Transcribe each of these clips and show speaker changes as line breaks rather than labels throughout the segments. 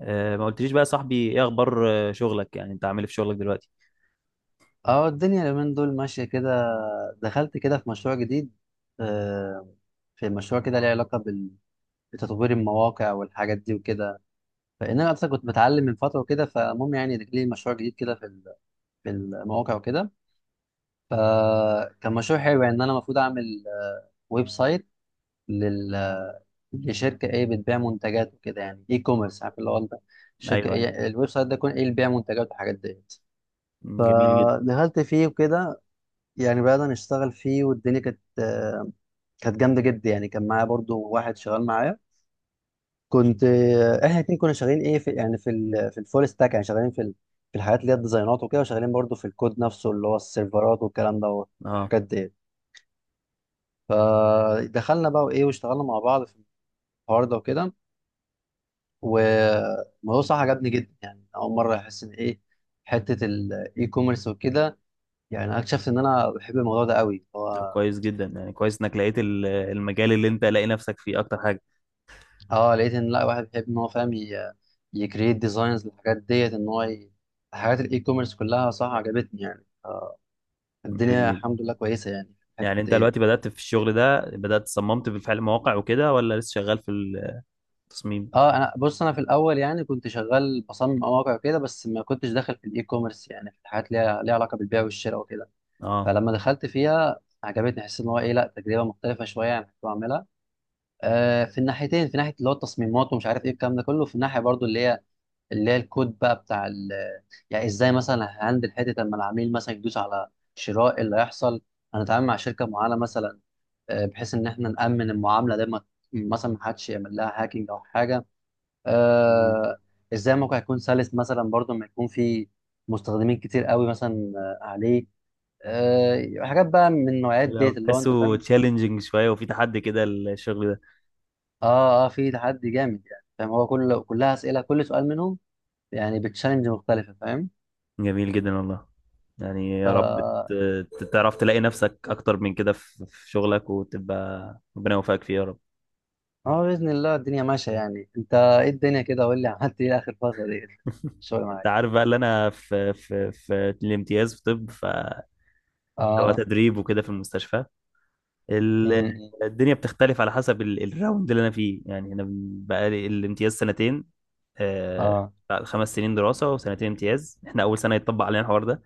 ما قلتليش بقى يا صاحبي، ايه اخبار شغلك؟ يعني انت عامل إيه في شغلك دلوقتي؟
اه الدنيا اليومين دول ماشية كده. دخلت كده في مشروع جديد. آه، في مشروع كده ليه علاقة بتطوير المواقع والحاجات دي وكده. فإن أنا أصلا كنت بتعلم من فترة وكده، فالمهم يعني لي مشروع جديد كده في المواقع وكده. فكان مشروع حلو، يعني إن أنا المفروض أعمل ويب سايت لل لشركة إيه بتبيع منتجات وكده، يعني إي كوميرس، عارف اللي هو أنت، الشركة
ايوه ايوه.
إيه الويب سايت ده يكون إيه اللي بيبيع منتجات والحاجات ديت.
مم، جميل جدا.
فدخلت فيه وكده، يعني بدأنا نشتغل فيه، والدنيا كانت كانت جامدة جدا. يعني كان معايا برضو واحد شغال معايا. كنت احنا الاتنين كنا شغالين ايه في، يعني في الفول ستاك، يعني شغالين في الحاجات اللي هي الديزاينات وكده، وشغالين برضو في الكود نفسه اللي هو السيرفرات والكلام ده
اه،
والحاجات دي. فدخلنا بقى وايه واشتغلنا مع بعض في الحوار ده وكده. والموضوع صح عجبني جدا، يعني أول مرة أحس إن ايه حتة الاي كوميرس وكده. يعني أنا اكتشفت إن أنا بحب الموضوع ده قوي
طب
هو.
كويس جدا. يعني كويس انك لقيت المجال اللي انت لاقي نفسك فيه اكتر حاجه.
اه لقيت ان لا، واحد بيحب ان هو فاهم يكريت ديزاينز للحاجات ديت، ان هو حاجات الاي كوميرس كلها صح عجبتني يعني.
جميل
الدنيا
جدا.
الحمد لله كويسه يعني في الحته
يعني انت
ديت.
دلوقتي بدأت في الشغل ده، بدأت صممت بالفعل مواقع وكده، ولا لسه شغال في التصميم؟
اه انا بص، انا في الاول يعني كنت شغال بصمم مواقع كده، بس ما كنتش داخل في الاي كوميرس، يعني في الحاجات ليها علاقه بالبيع والشراء وكده.
اه.
فلما دخلت فيها عجبتني، حسيت ان هو ايه لا، تجربه مختلفه شويه عن اللي كنت بعملها. آه في الناحيتين، في ناحيه اللي هو التصميمات ومش عارف ايه الكلام ده كله، في الناحيه برضو اللي هي الكود بقى بتاع يعني ازاي مثلا هندل حته لما العميل مثلا يدوس على شراء، إيه اللي هيحصل. هنتعامل مع شركه معينه مثلا، بحيث ان احنا نامن المعامله دي، ما مثلا ما حدش يعمل لها هاكينج او حاجه.
جميل.
آه، ازاي الموقع يكون سلس مثلا، برضو ما يكون في مستخدمين كتير قوي مثلا عليه. حاجات بقى من النوعيات
حلو
ديت،
أوي.
اللي هو انت
تحسه
فاهم.
تشالنجينج شويه وفي تحدي كده الشغل ده؟
اه، في تحدي جامد، يعني فاهم هو كل، كلها اسئله، كل سؤال منهم يعني بتشالنج مختلفه،
جميل جدا والله. يعني يا رب
فاهم.
تعرف تلاقي نفسك اكتر من كده في في شغلك، وتبقى ربنا يوفقك فيه يا رب.
اه باذن الله الدنيا ماشيه. يعني انت ايه الدنيا كده، قول لي عملت ايه اخر فتره دي الشغل
انت
معاك؟
عارف بقى اللي انا في الامتياز، في طب، اللي هو
اه.
تدريب وكده في المستشفى. ال-
امم.
الدنيا بتختلف على حسب الراوند اللي انا فيه. يعني انا بقى لي الامتياز سنتين. آه،
اه.
بعد 5 سنين دراسه وسنتين امتياز، احنا اول سنه يتطبق علينا الحوار ده.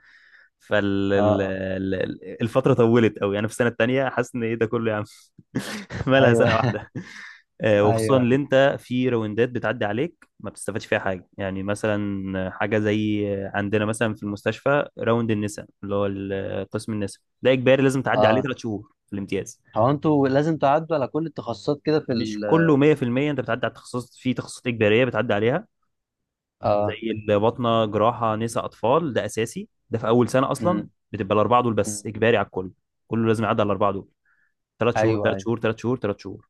اه. اه.
فالفتره طولت قوي. انا في السنه الثانيه حاسس ان ايه ده كله يا عم. مالها
ايوه.
سنه واحده؟ وخصوصا
ايوه.
اللي انت في روندات بتعدي عليك ما بتستفادش فيها حاجه. يعني مثلا حاجه زي عندنا مثلا في المستشفى راوند النساء، اللي هو قسم النساء، ده اجباري، لازم تعدي عليه
اه.
3 شهور في الامتياز.
هو انتوا لازم تعدوا على كل التخصصات كده في
مش
ال
كله 100%، انت بتعدي على التخصص. في تخصصات اجباريه بتعدي عليها
اه.
زي الباطنه، جراحه، نساء، اطفال. ده اساسي، ده في اول سنه اصلا،
امم.
بتبقى الاربعه دول بس
أمم.
اجباري على الكل. كله لازم يعدي على الاربعه دول. ثلاث شهور،
ايوه،
ثلاث
ايوه.
شهور، ثلاث شهور، ثلاث شهور.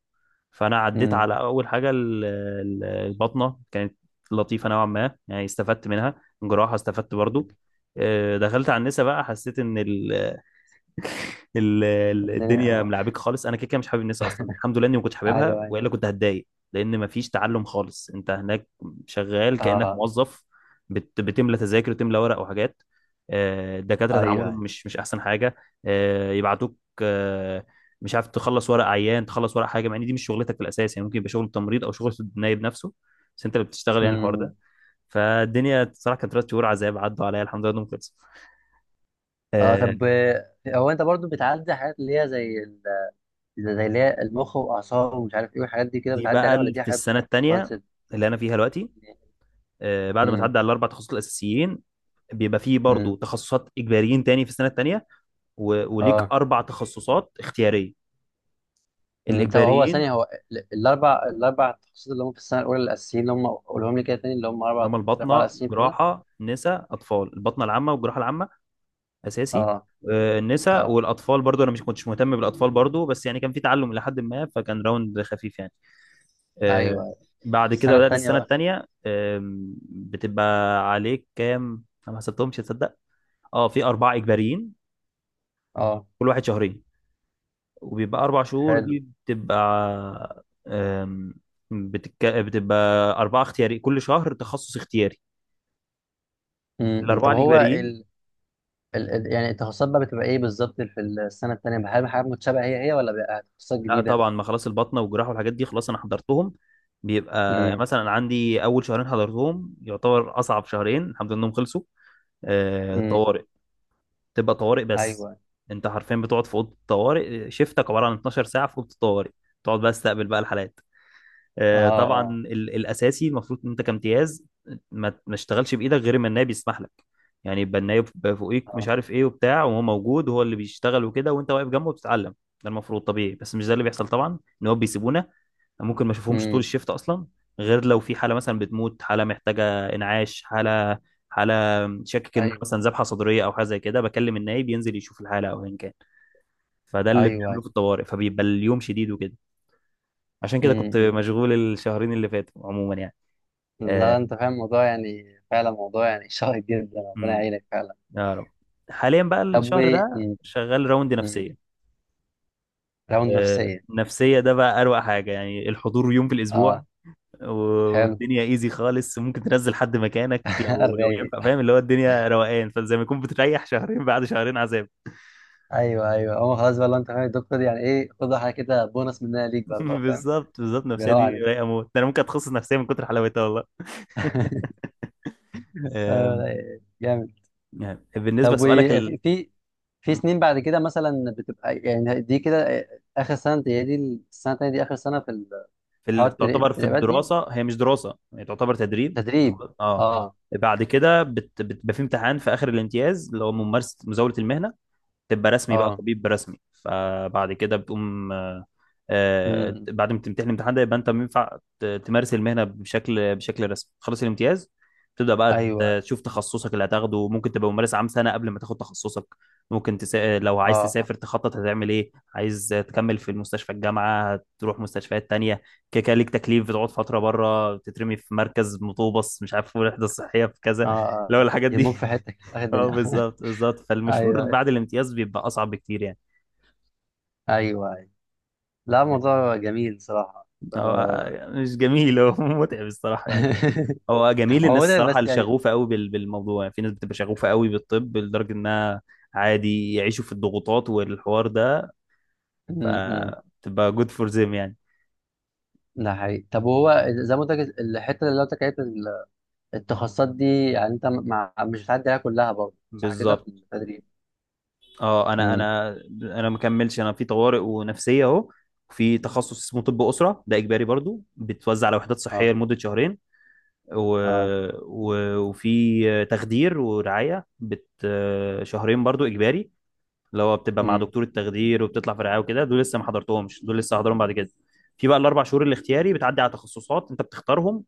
فانا عديت
امم.
على اول حاجه، البطنه، كانت لطيفه نوعا ما، يعني استفدت منها. الجراحه استفدت برضو. دخلت على النسا بقى، حسيت ان
الدنيا.
الدنيا
اه.
ملعبك خالص. انا كده كده مش حابب الناس اصلا، الحمد لله اني ما كنتش حاببها
ايوه، ايوه.
والا كنت هتضايق. لان ما فيش تعلم خالص، انت هناك شغال كانك
اه.
موظف. بتملى تذاكر وتملى ورق وحاجات. الدكاتره
ايوه،
تعاملهم
ايوه.
مش احسن حاجه. يبعتوك، مش عارف، تخلص ورق عيان، تخلص ورق حاجه، مع ان دي مش شغلتك في الاساس. يعني ممكن يبقى شغل تمريض او شغل النايب نفسه بس انت اللي بتشتغل. يعني الحوار ده.
امم.
فالدنيا بصراحه كانت 3 شهور عذاب عدوا عليا. الحمد لله انهم خلصوا.
اه
آه،
طب، هو انت برضو بتعدي حاجات اللي هي زي اللي هي المخ واعصاب ومش عارف ايه والحاجات دي كده،
دي
بتعدي
بقى
عليها ولا دي
في
حاجات
السنه
بتبقى
الثانيه
advanced؟
اللي انا فيها دلوقتي. بعد ما
امم.
تعدي على الاربع تخصصات الاساسيين، بيبقى فيه برضو
امم.
تخصصات اجباريين تاني في السنه الثانيه. وليك
اه.
اربع تخصصات اختياريه.
مم. طب هو
الاجباريين
ثانية هو الأربع تخصصات اللي هم في السنة الأولى الأساسيين، اللي هم قولهم لي كده تاني، اللي هم
اللي
أربع،
هم
الأربعة
الباطنه،
الأساسيين في الأولى.
جراحه، نساء، اطفال. الباطنه العامه والجراحه العامه اساسي.
اه.
النساء
اه.
والاطفال برضو، انا مش كنتش مهتم بالاطفال برضو، بس يعني كان في تعلم الى حد ما، فكان راوند خفيف يعني.
أيوه،
آه،
أيوة.
بعد كده
السنة
بدات
التانية
السنه
بقى.
الثانيه. بتبقى عليك كام؟ انا ما حسبتهمش تصدق. اه، في أربعة إجباريين،
اه.
كل واحد شهرين، وبيبقى 4 شهور.
حلو.
دي بتبقى بتبقى أربعة اختياري، كل شهر تخصص اختياري. الأربعة
طب هو
الإجباريين.
يعني التخصصات بقى بتبقى إيه بالظبط في السنة التانية، هل حاجات متشابهة هي ولا بقى تخصصات
لا
جديدة؟
طبعا، ما خلاص البطنة والجراحة والحاجات دي خلاص أنا حضرتهم. بيبقى
امم.
مثلا عندي أول شهرين حضرتهم، يعتبر أصعب شهرين، الحمد لله إنهم خلصوا.
امم.
طوارئ. تبقى طوارئ بس.
أيوه.
أنت حرفيا بتقعد في أوضة الطوارئ. شيفتك عبارة عن 12 ساعة في أوضة الطوارئ. تقعد بقى تستقبل بقى الحالات،
اه.
طبعا.
اه.
الاساسي المفروض ان انت كامتياز ما تشتغلش بايدك غير ما النائب يسمح لك. يعني يبقى النائب فوقيك، مش
اه.
عارف ايه وبتاع، وهو موجود وهو اللي بيشتغل وكده وانت واقف جنبه بتتعلم. ده المفروض طبيعي، بس مش ده اللي بيحصل طبعا. ان هو بيسيبونا، ممكن ما اشوفهمش طول
امم.
الشيفت اصلا، غير لو في حاله مثلا بتموت، حاله محتاجه انعاش، حاله، حاله شاكك ان مثلا
أيوه،
ذبحه صدريه او حاجه زي كده، بكلم النائب ينزل يشوف الحاله او ايا كان. فده
أيوه،
اللي بيعمله
أيوه.
في الطوارئ، فبيبقى اليوم شديد وكده. عشان كده كنت
امم. أمم.
مشغول الشهرين اللي فاتوا عموما يعني.
لا،
آه،
أنت فاهم الموضوع، يعني فعلا موضوع يعني شائك جدا، ربنا
امم
يعينك فعلا.
يا رب. حاليا بقى
طب و،
الشهر ده شغال راوند
مم.
نفسية.
راوند نفسية.
نفسية ده بقى أروع حاجة، يعني الحضور يوم في الأسبوع
اه. حلو.
والدنيا ايزي خالص، ممكن تنزل حد مكانك لو
الرايق.
ينفع، فاهم، اللي هو الدنيا روقان، فزي ما يكون بتريح شهرين بعد شهرين عذاب.
ايوه، ايوه، هو خلاص بقى لو انت فاهم الدكتور دي، يعني ايه، خد حاجه كده بونص منها ليك بقى، الله فاهم.
بالظبط بالظبط، النفسية
بيراوغ
دي
عليك.
رايقة موت. ده أنا ممكن أتخصص نفسية من كتر حلاوتها والله.
آه
آم،
رايق. جامد.
يعني بالنسبة
طب
لسؤالك
وفي في سنين بعد كده مثلا، بتبقى يعني دي كده اخر سنه، دي السنه التانيه دي اخر سنه في حوار
تعتبر في
التدريبات دي؟
الدراسه. هي مش دراسه، هي تعتبر تدريب.
تدريب.
اه،
اه.
بعد كده بتبقى في امتحان في اخر الامتياز، اللي هو ممارسه، مزاوله المهنه. تبقى رسمي بقى،
اه.
طبيب رسمي. فبعد كده بتقوم،
امم.
بعد ما تمتحن الامتحان ده يبقى انت ينفع تمارس المهنه بشكل رسمي. خلص الامتياز، تبدا بقى
ايوه.
تشوف تخصصك اللي هتاخده. ممكن تبقى ممارس عام سنه قبل ما تاخد تخصصك. لو
اه.
عايز
اه.
تسافر تخطط هتعمل ايه، عايز تكمل في المستشفى الجامعه، هتروح مستشفيات تانية. كده كده ليك تكليف، بتقعد فتره بره، تترمي في مركز مطوبس مش عارف، وحده صحيه في
اه.
كذا، لو
آه،
الحاجات دي.
يهموك في حتك اخر
اه
الدنيا
بالظبط بالظبط، فالمشوار
ايوه،
بعد الامتياز بيبقى اصعب بكتير يعني.
ايوه. لا موضوع جميل صراحة.
هو
آه.
مش جميل، هو متعب الصراحه يعني. هو جميل
هو
الناس
متعب
الصراحه
بس
اللي
يعني.
شغوفه قوي بالموضوع، يعني في ناس بتبقى شغوفه قوي بالطب لدرجه انها عادي يعيشوا في الضغوطات والحوار ده.
م- م.
فتبقى جود فور ذيم يعني.
ده حقيقي. طب وهو زي ما قلت لك الحتة اللي قلت لك عليها التخصصات دي، يعني انت مع، مش هتعدي عليها كلها برضه صح كده في
بالظبط.
التدريب؟
اه، انا
امم.
انا انا ما كملش. انا في طوارئ ونفسيه اهو. في تخصص اسمه طب اسره، ده اجباري برضو، بتوزع على وحدات صحيه
اه.
لمده شهرين. و...
اه.
وفي تخدير ورعاية شهرين برضو إجباري، اللي هو بتبقى مع
امم.
دكتور التخدير وبتطلع في رعاية وكده. دول لسه ما حضرتهمش، دول لسه هحضرهم بعد كده. في بقى الـ 4 شهور الاختياري بتعدي على تخصصات أنت بتختارهم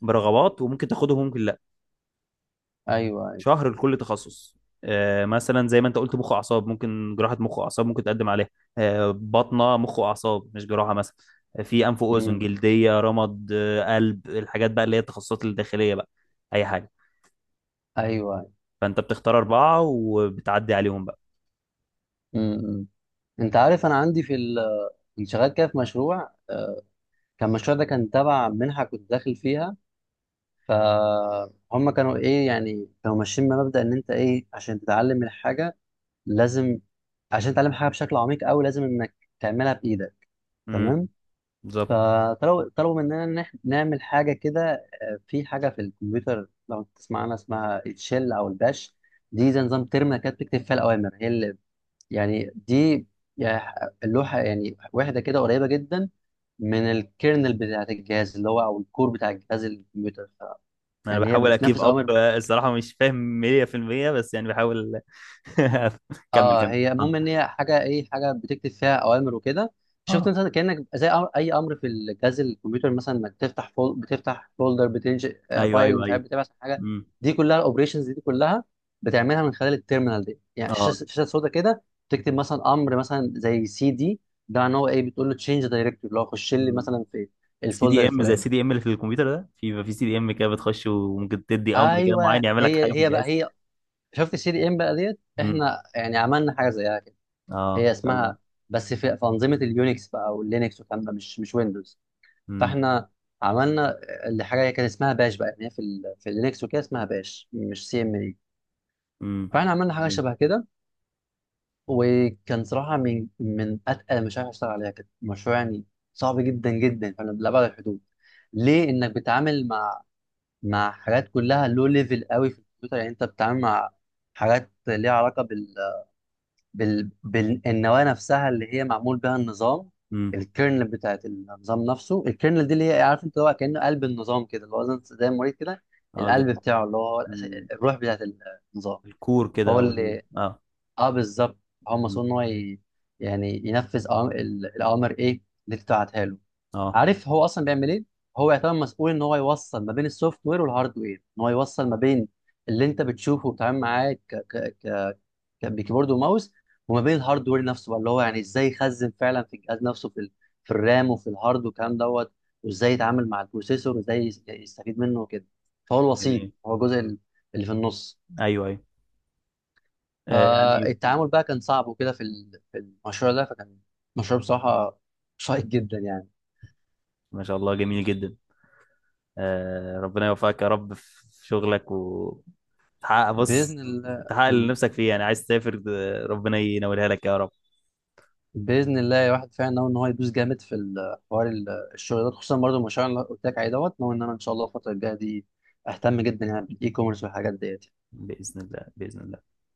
برغبات، وممكن تاخدهم وممكن لأ.
ايوه، ايوه.
شهر لكل تخصص. مثلا زي ما انت قلت، مخ واعصاب، ممكن جراحه مخ واعصاب، ممكن تقدم عليها. بطنه، مخ واعصاب مش جراحه مثلا. في انف واذن،
امم.
جلديه، رمد، قلب، الحاجات بقى اللي هي التخصصات الداخليه بقى. اي حاجه.
ايوه.
فانت بتختار اربعه وبتعدي عليهم بقى.
امم. انت عارف انا عندي كنت شغال كده في مشروع، كان المشروع ده كان تبع منحة كنت داخل فيها. فهم كانوا ايه، يعني كانوا ماشيين بمبدأ ان انت ايه، عشان تتعلم الحاجة لازم، عشان تتعلم حاجة بشكل عميق قوي لازم انك تعملها بايدك.
امم.
تمام.
بالظبط.
فطلبوا مننا ان احنا نعمل حاجة كده، في حاجة في الكمبيوتر لو تسمع عنها، اسمها الشell او الباش. دي زي نظام ترمينال كده، بتكتب فيها الاوامر، هي اللي يعني دي، يعني اللوحة يعني، واحدة كده قريبة جدا من الكيرنل بتاعت الجهاز، اللي هو او الكور بتاع الجهاز الكمبيوتر،
انا
يعني هي
بحاول اكيب
بتنفذ اوامر.
اب الصراحه، مش فاهم 100% بس يعني بحاول. كمل
اه
كمل
هي،
اتفضل.
المهم ان هي حاجه ايه، حاجه بتكتب فيها اوامر وكده. شفت
اه،
انت كانك زي أمر، اي امر في الجهاز الكمبيوتر، مثلا انك تفتح بتفتح فولدر، بتنشئ
ايوه
فايل،
ايوه
مش
ايوه.
عارف بتبعت حاجه.
امم.
دي كلها الاوبريشنز دي كلها بتعملها من خلال التيرمينال دي، يعني شاشه
اه،
شاشه سودا كده. تكتب مثلا امر مثلا زي سي دي، ده معناه هو ايه، بتقول له تشينج دايركتيف، اللي هو خش لي مثلا في
سي
الفولدر
دي ام زي
الفلاني.
السي دي ام اللي في الكمبيوتر. ده في سي دي ام كده بتخش وممكن تدي امر كده
ايوه
معين يعمل لك حاجه
هي
في
هي بقى
الجهاز.
هي، شفت السي دي ام بقى ديت،
امم.
احنا يعني عملنا حاجه زيها.
اه،
هي
ان شاء الله.
اسمها، بس في انظمه اليونكس بقى واللينكس والكلام ده، مش ويندوز.
امم.
فاحنا عملنا اللي، حاجه هي كان اسمها باش بقى، يعني هي في اللينكس وكده اسمها باش مش سي ام اي.
امم.
فاحنا عملنا حاجه
جميل.
شبه كده، وكان صراحه من اتقل المشاريع اللي اشتغل عليها كده، مشروع يعني صعب جدا جدا فانا، لأبعد الحدود، ليه انك بتتعامل مع، مع حاجات كلها لو ليفل قوي في الكمبيوتر. يعني انت بتتعامل مع حاجات ليها علاقه بالنواه نفسها اللي هي معمول بها النظام.
امم.
الكيرنل بتاعت النظام نفسه، الكيرنل دي اللي هي إيه، عارف انت، هو كأنه قلب النظام كده، اللي هو زي المريض كده
اه، زي
القلب بتاعه، اللي هو
مم.
الروح بتاعت النظام.
الكور كده،
هو
او
اللي،
اه.
اه بالظبط، هو
مم.
مسؤول ان هو يعني ينفذ الاوامر ايه اللي بتاعتها له.
اه،
عارف هو اصلا بيعمل ايه، هو يعتبر مسؤول ان هو يوصل ما بين السوفت وير والهارد وير، ان هو يوصل ما بين اللي انت بتشوفه وبتتعامل معاه كان بكيبورد وماوس، وما بين الهاردوير نفسه بقى اللي هو يعني ازاي يخزن فعلا في الجهاز نفسه في الرام وفي الهارد والكلام دوت، وازاي يتعامل مع البروسيسور وازاي يستفيد منه وكده. فهو الوسيط،
جميل.
هو الجزء اللي في النص.
ايوه ايوه. يعني،
فالتعامل بقى كان صعب وكده في المشروع ده، فكان مشروع بصراحة شيق جدا يعني.
ما شاء الله جميل جدا. ربنا يوفقك يا رب في شغلك وتحقق. بص،
بإذن الله.
تحقق اللي نفسك فيه. يعني عايز تسافر، ربنا ينولها لك يا رب.
باذن الله الواحد فعلا ناوي ان هو يدوس جامد حوار الشغل ده، خصوصا برضه المشروع اللي قلت لك عليه دوت. ناوي ان انا ان شاء الله الفتره الجايه دي اهتم جدا يعني بالاي كوميرس والحاجات ديت يعني.
بإذن الله، بإذن الله.